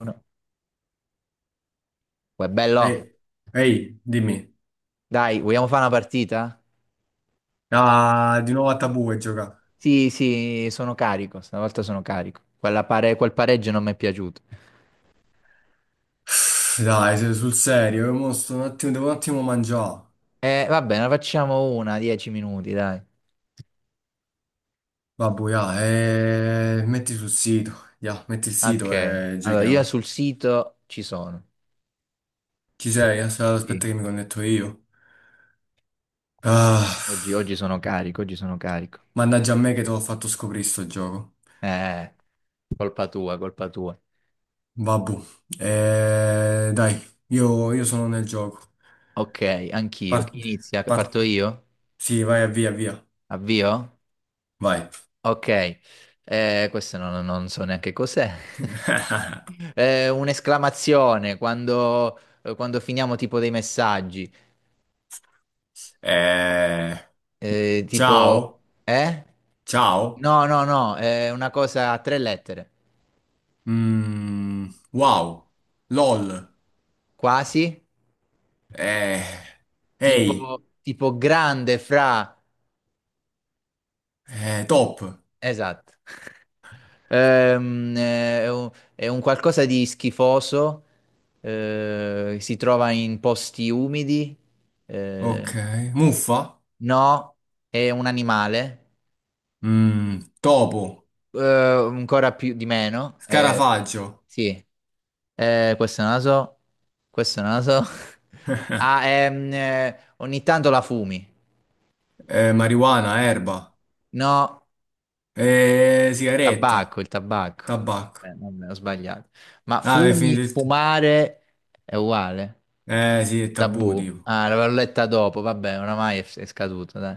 Uno. Uè, bello, Ehi, ehi, dimmi. dai, vogliamo fare una partita? Ah, di nuovo a tabù e gioca. Sì, sì, sono carico, stavolta sono carico. Quel pareggio non mi è piaciuto. Uff, dai, sul serio, io mo sto un attimo, devo un attimo mangiare. Va bene, facciamo 10 minuti, dai. Vabbè, ya, metti sul sito, ya, metti il sito Ok, e allora io giochiamo. sul sito ci sono. Ci sei? Aspetta, aspetta Sì, che mi connetto io. Ah, oggi, oggi sono carico, oggi sono carico. mannaggia a me che te l'ho fatto scoprire sto gioco. Eh, colpa tua, colpa tua. Vabbè, dai, io sono nel gioco. Ok, anch'io. Par- Chi inizia? par- Parto io? sì, vai, via, via. Avvio? Vai. Ok, questo non so neanche cos'è. Un'esclamazione quando, quando finiamo tipo dei messaggi, Eh, tipo, ciao. eh? Ciao. No, no, no, è una cosa a 3 lettere, Mm, wow. LOL. quasi, Eh, ehi. tipo grande fra? Top. Esatto. È un qualcosa di schifoso, si trova in posti umidi. eh, Ok. Muffa. No, è un animale, Topo. eh, ancora più di meno. Eh, Scarafaggio. sì. Questo è naso, questo è naso. Ah, ogni tanto la fumi. Marijuana, erba. No, Sigaretta. tabacco, il tabacco. Tabacco. Vabbè, ho sbagliato. Ma Ah, è fumi, finito il... fumare è uguale. Sì, è tabù, Tabù. tipo. Ah, l'avevo letta dopo, vabbè, oramai è scaduto, dai.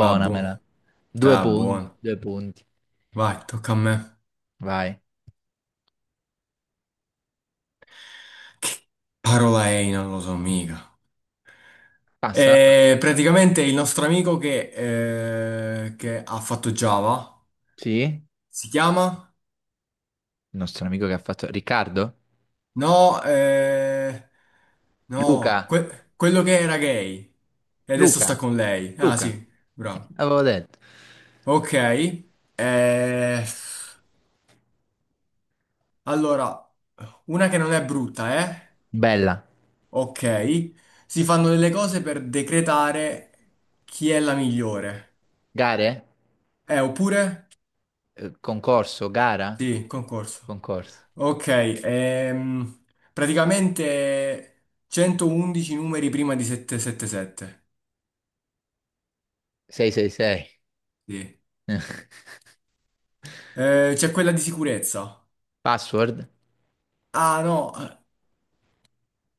Vabbè, Due da buono. punti, due punti. Vai, tocca a me. Vai. Che parola è? Non lo so mica. Passa, passa. E praticamente il nostro amico che ha fatto Java Sì? si chiama? Il nostro amico che ha fatto? Riccardo? No, no, Luca? quello che era gay e adesso sta Luca? con lei. Ah, Luca? sì, Eh, bravo. avevo detto. Ok, eh, allora, una che non è brutta, eh? Bella. Ok. Si fanno delle cose per decretare chi è la migliore. Gare? Oppure? Concorso? Gara? Sì, concorso. Concorso. Ok, praticamente 111 numeri prima di 777. 666. Sì. C'è quella di sicurezza. Password? Ah, no,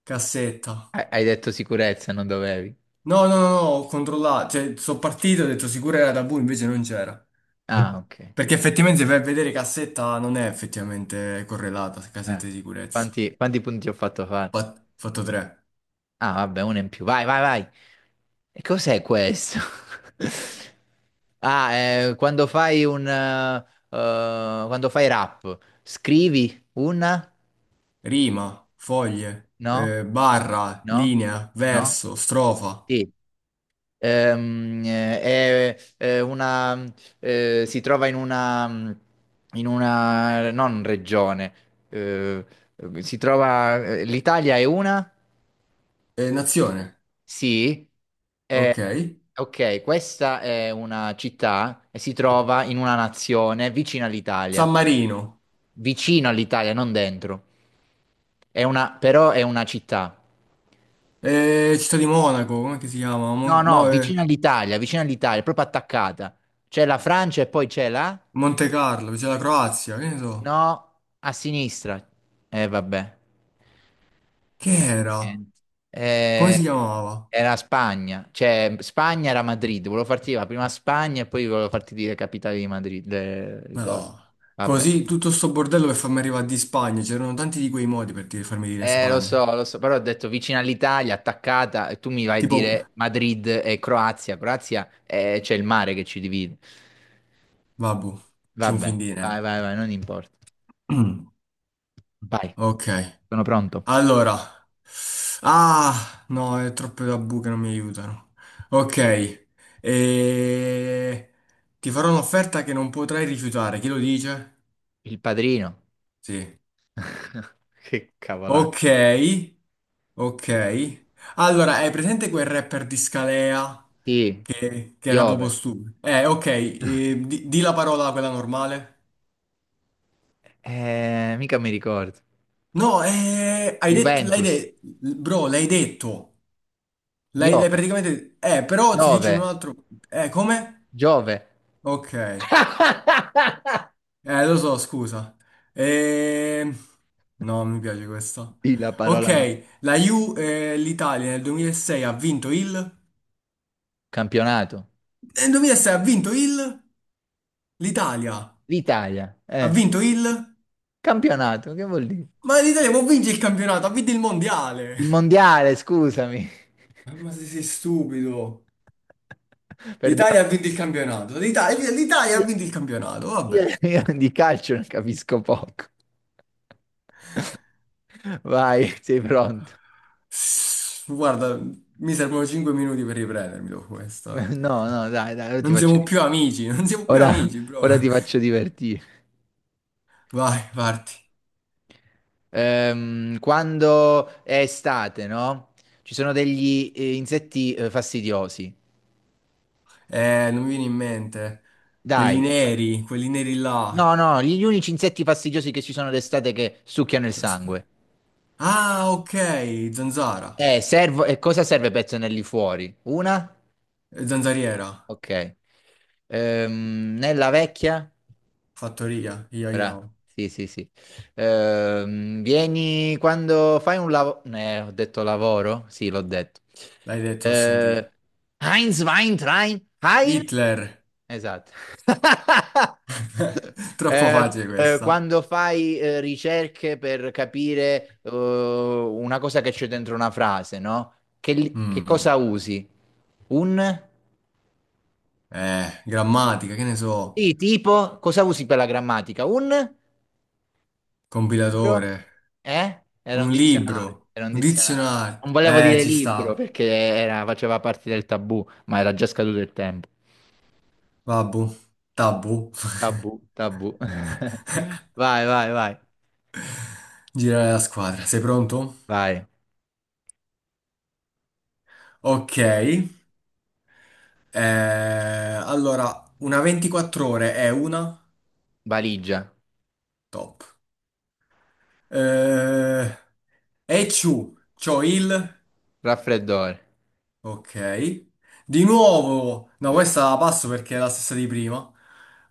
cassetta. Hai detto sicurezza, non dovevi. No, no, no, no, ho controllato. Cioè, sono partito, ho detto sicura era tabù, invece non c'era. Ah, ok. Perché effettivamente se vai a vedere cassetta non è effettivamente correlata, Eh. cassetta di sicurezza. Quanti punti ho fatto fare? Fatto 3. Ah, vabbè, uno in più. Vai, vai, vai. E cos'è questo? Ah, quando fai quando fai rap, scrivi una? Rima, foglie, No? Barra, No? linea, No? verso, strofa, Sì. È una, si trova in una, non regione. eh, si trova, l'Italia è una? Nazione. Sì. Eh, Ok. ok, questa è una città e si trova in una nazione vicina all'Italia. San Marino, Vicino all'Italia, non dentro. È una, però è una città. Città di Monaco, come che si chiama? No, Mon- no, no, vicino all'Italia, proprio attaccata. C'è la Francia e poi c'è la? Monte Carlo, c'è la Croazia, che ne so. No, a sinistra. Vabbè. Che Eh, era? niente. Come Eh, si chiamava? era Spagna. Cioè, Spagna era Madrid. Volevo farti dire la prima Spagna e poi volevo farti dire capitale di Madrid. Le Ma cose. no. Vabbè. Così tutto sto bordello per farmi arrivare di Spagna, c'erano tanti di quei modi per farmi dire Lo so, Spagna. lo so, però ho detto vicino all'Italia, attaccata, e tu mi vai a Tipo, dire Madrid e Croazia. Croazia, c'è il mare che ci divide. vabbù, ci un Vabbè, fin di vai, niente. vai, vai, non importa. Mm. Vai. Ok, Sono pronto. allora. Ah, no, è troppe tabù che non mi aiutano. Ok, e... ti farò un'offerta che non potrai rifiutare, chi lo dice? Il padrino. Sì. Che cavolata. Ok, ok. Allora, hai presente quel rapper di Scalea Sì. che era proprio Piove. stupido? Ok, di la parola quella normale. Mica mi ricordo. No, hai detto, l'hai Juventus. detto, bro, l'hai detto. L'hai Piove. praticamente... Però si dice in un Giove. altro... Come? Giove. Ok. Eh, lo so, scusa. Eh, No, non mi piace questo. Di la parola no. Ok, l'Italia nel 2006 ha vinto il... Campionato. Nel 2006 ha vinto il... L'Italia. L'Italia. Ha vinto il... Campionato, che vuol dire? Ma l'Italia può vincere il campionato, ha vinto il mondiale. Il mondiale, scusami. Ma se sei stupido. L'Italia Perdono. ha vinto il campionato. L'Italia ha Io, vinto il campionato, io- vabbè. io di calcio ne capisco poco. Vai, sei pronto? Guarda, mi servono 5 minuti per riprendermi dopo questo. No, no, dai, dai, ora ti Non faccio siamo più divertire. amici, non siamo più Ora, amici, bro. ora ti faccio divertire. Vai, parti. Quando è estate, no? Ci sono degli insetti fastidiosi. Non mi viene in mente. Dai. Quelli neri là. No, no, gli unici insetti fastidiosi che ci sono d'estate che succhiano il sangue. Ah, ok, zanzara. E cosa serve per tenerli fuori? Una? Zanzariera. Ok. Nella vecchia? Fattoria, io io. Sì, sì, sì. Vieni quando fai un lavoro. Ho detto lavoro? Sì, l'ho detto. L'hai detto, ho sentito. Eh, Heinz, Wein, Train, Heil? Hitler. Esatto. Troppo Eh, facile eh, questa. quando fai ricerche per capire una cosa che c'è dentro una frase, no? Che Mm. cosa usi? Un? Grammatica, che ne so. Sì, tipo, cosa usi per la grammatica? Un? Libro? Compilatore. Eh? Era un Un dizionario, libro. era un Un dizionario. dizionario. Non volevo Eh, dire ci libro sta. perché faceva parte del tabù, ma era già scaduto il tempo. Vabbù. Tabù. Tabù, tabù. Vai, vai, vai. Girare la squadra. Sei pronto? Vai. Ok. Allora, una 24 ore è una. Valigia, Top. Eh, e ciu. C'ho il. raffreddore, Ok. Di nuovo. No, questa la passo perché è la stessa di prima.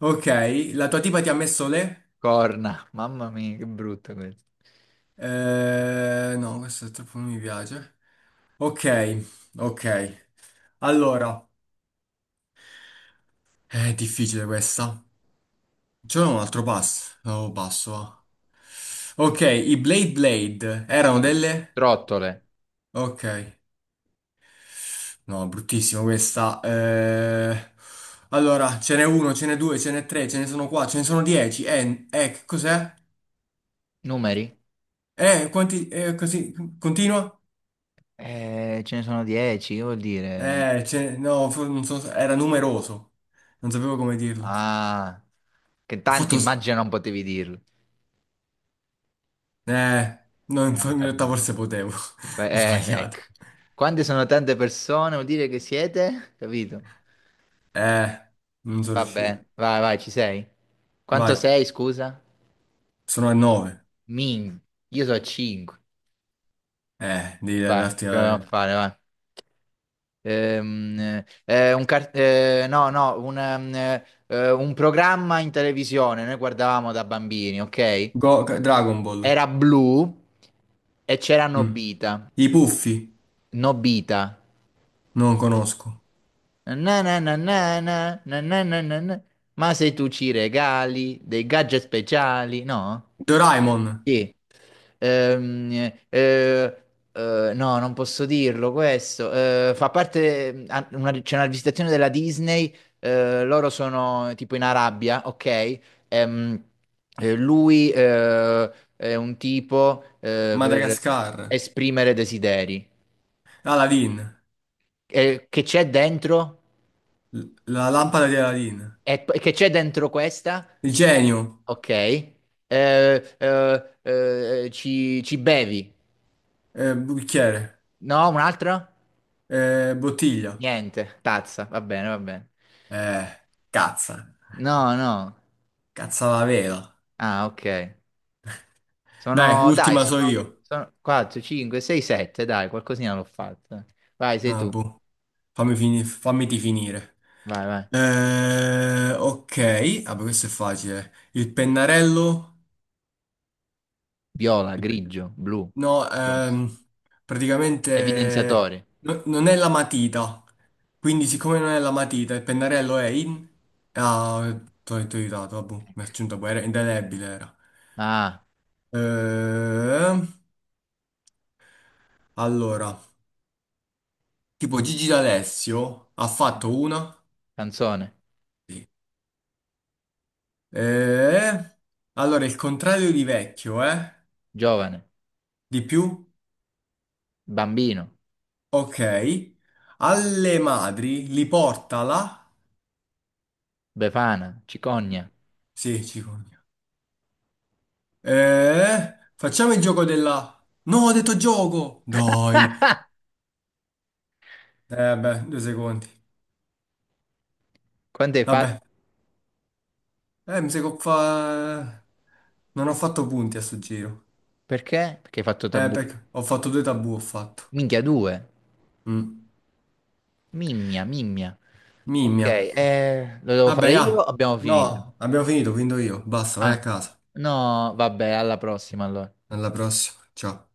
Ok, la tua tipa ti ha messo le? corna. Mamma mia, che brutto questo. No, questo troppo non mi piace. Ok, ok. Allora, è difficile questa. C'è un altro passo. Oh, passo, va. Ok, i Blade Blade erano Sì. delle? Trottole, Ok. No, bruttissimo questa. Allora, ce n'è uno, ce n'è due, ce n'è tre, ce ne sono qua, ce ne sono 10. Che cos'è? numeri? Quanti, così, continua? Ce ne sono 10, che vuol dire? No, non so, era numeroso. Non sapevo come dirlo. Ho Ah, che tanti fatto... immagino non potevi dirlo. Eh, no, Era un in realtà tabù. forse potevo. Beh, Ho sbagliato. ecco. Quante sono tante persone, vuol dire che siete? Capito? Eh, non sono riuscito. Vabbè, vai, vai, ci sei. Quanto Vai, sei, scusa? sono a 9. Min. Io so 5. Devi Vai, darti... proviamo a fare, vai. No, no, un programma in televisione, noi guardavamo da bambini, ok? Dragon Ball. Era blu e c'era Mm. Nobita. I Puffi, Nobita. non conosco. Na na na na na, na na na na na. Ma se tu ci regali dei gadget speciali, no? Doraemon, Sì. Ehm, eh, no, non posso dirlo questo. Fa parte, ah, c'è una visitazione della Disney, loro sono tipo in Arabia, ok? Ehm, lui è un tipo per Madagascar. esprimere desideri. Aladdin, Che c'è dentro? la lampada di Aladdin. Che c'è dentro questa? Il genio, Ok. Ci bevi? Bicchiere. No, un altro? Bottiglia. Niente, tazza, va bene, va bene. Eh, cazza. No, no. Cazza la vela. Ah, ok. Dai, Sono, dai, ultima so io. sono 4, 5, 6, 7, dai, qualcosina l'ho fatta. Vai, sei Ah, tu. boh. Fammiti finire. Vai, vai. Ok. Vabbè, questo è facile. Il pennarello. Viola, il pe- grigio, blu. No, praticamente Evidenziatore. Non è la matita. Quindi, siccome non è la matita, il pennarello è in. Ah, ti ho aiutato. Vabbè, mi ha aggiunto poi. Era indelebile. Era. Ah, Eh, allora. Tipo Gigi D'Alessio ha fatto una. canzone. Sì. Eh, allora, il contrario di vecchio, eh? Giovane. Di più? Bambino. Ok. Alle madri li porta la... Befana. Cicogna. Sì, cicogna. Facciamo il gioco della... No, ho detto gioco! Dai. Beh, 2 secondi. Quante hai fatto? Vabbè. Mi sa che non ho fatto punti a sto giro. Perché? Perché hai fatto Eh, tabù. perché ho fatto due tabù, ho fatto. Minchia, due. Mm. Mimmia, mimmia. Ok, Mimmia. Lo devo fare Vabbè, io? ah, Abbiamo finito. no, abbiamo finito, quindi io. Basta, vai a Ah, casa. no, vabbè, alla prossima allora. Alla prossima. Ciao.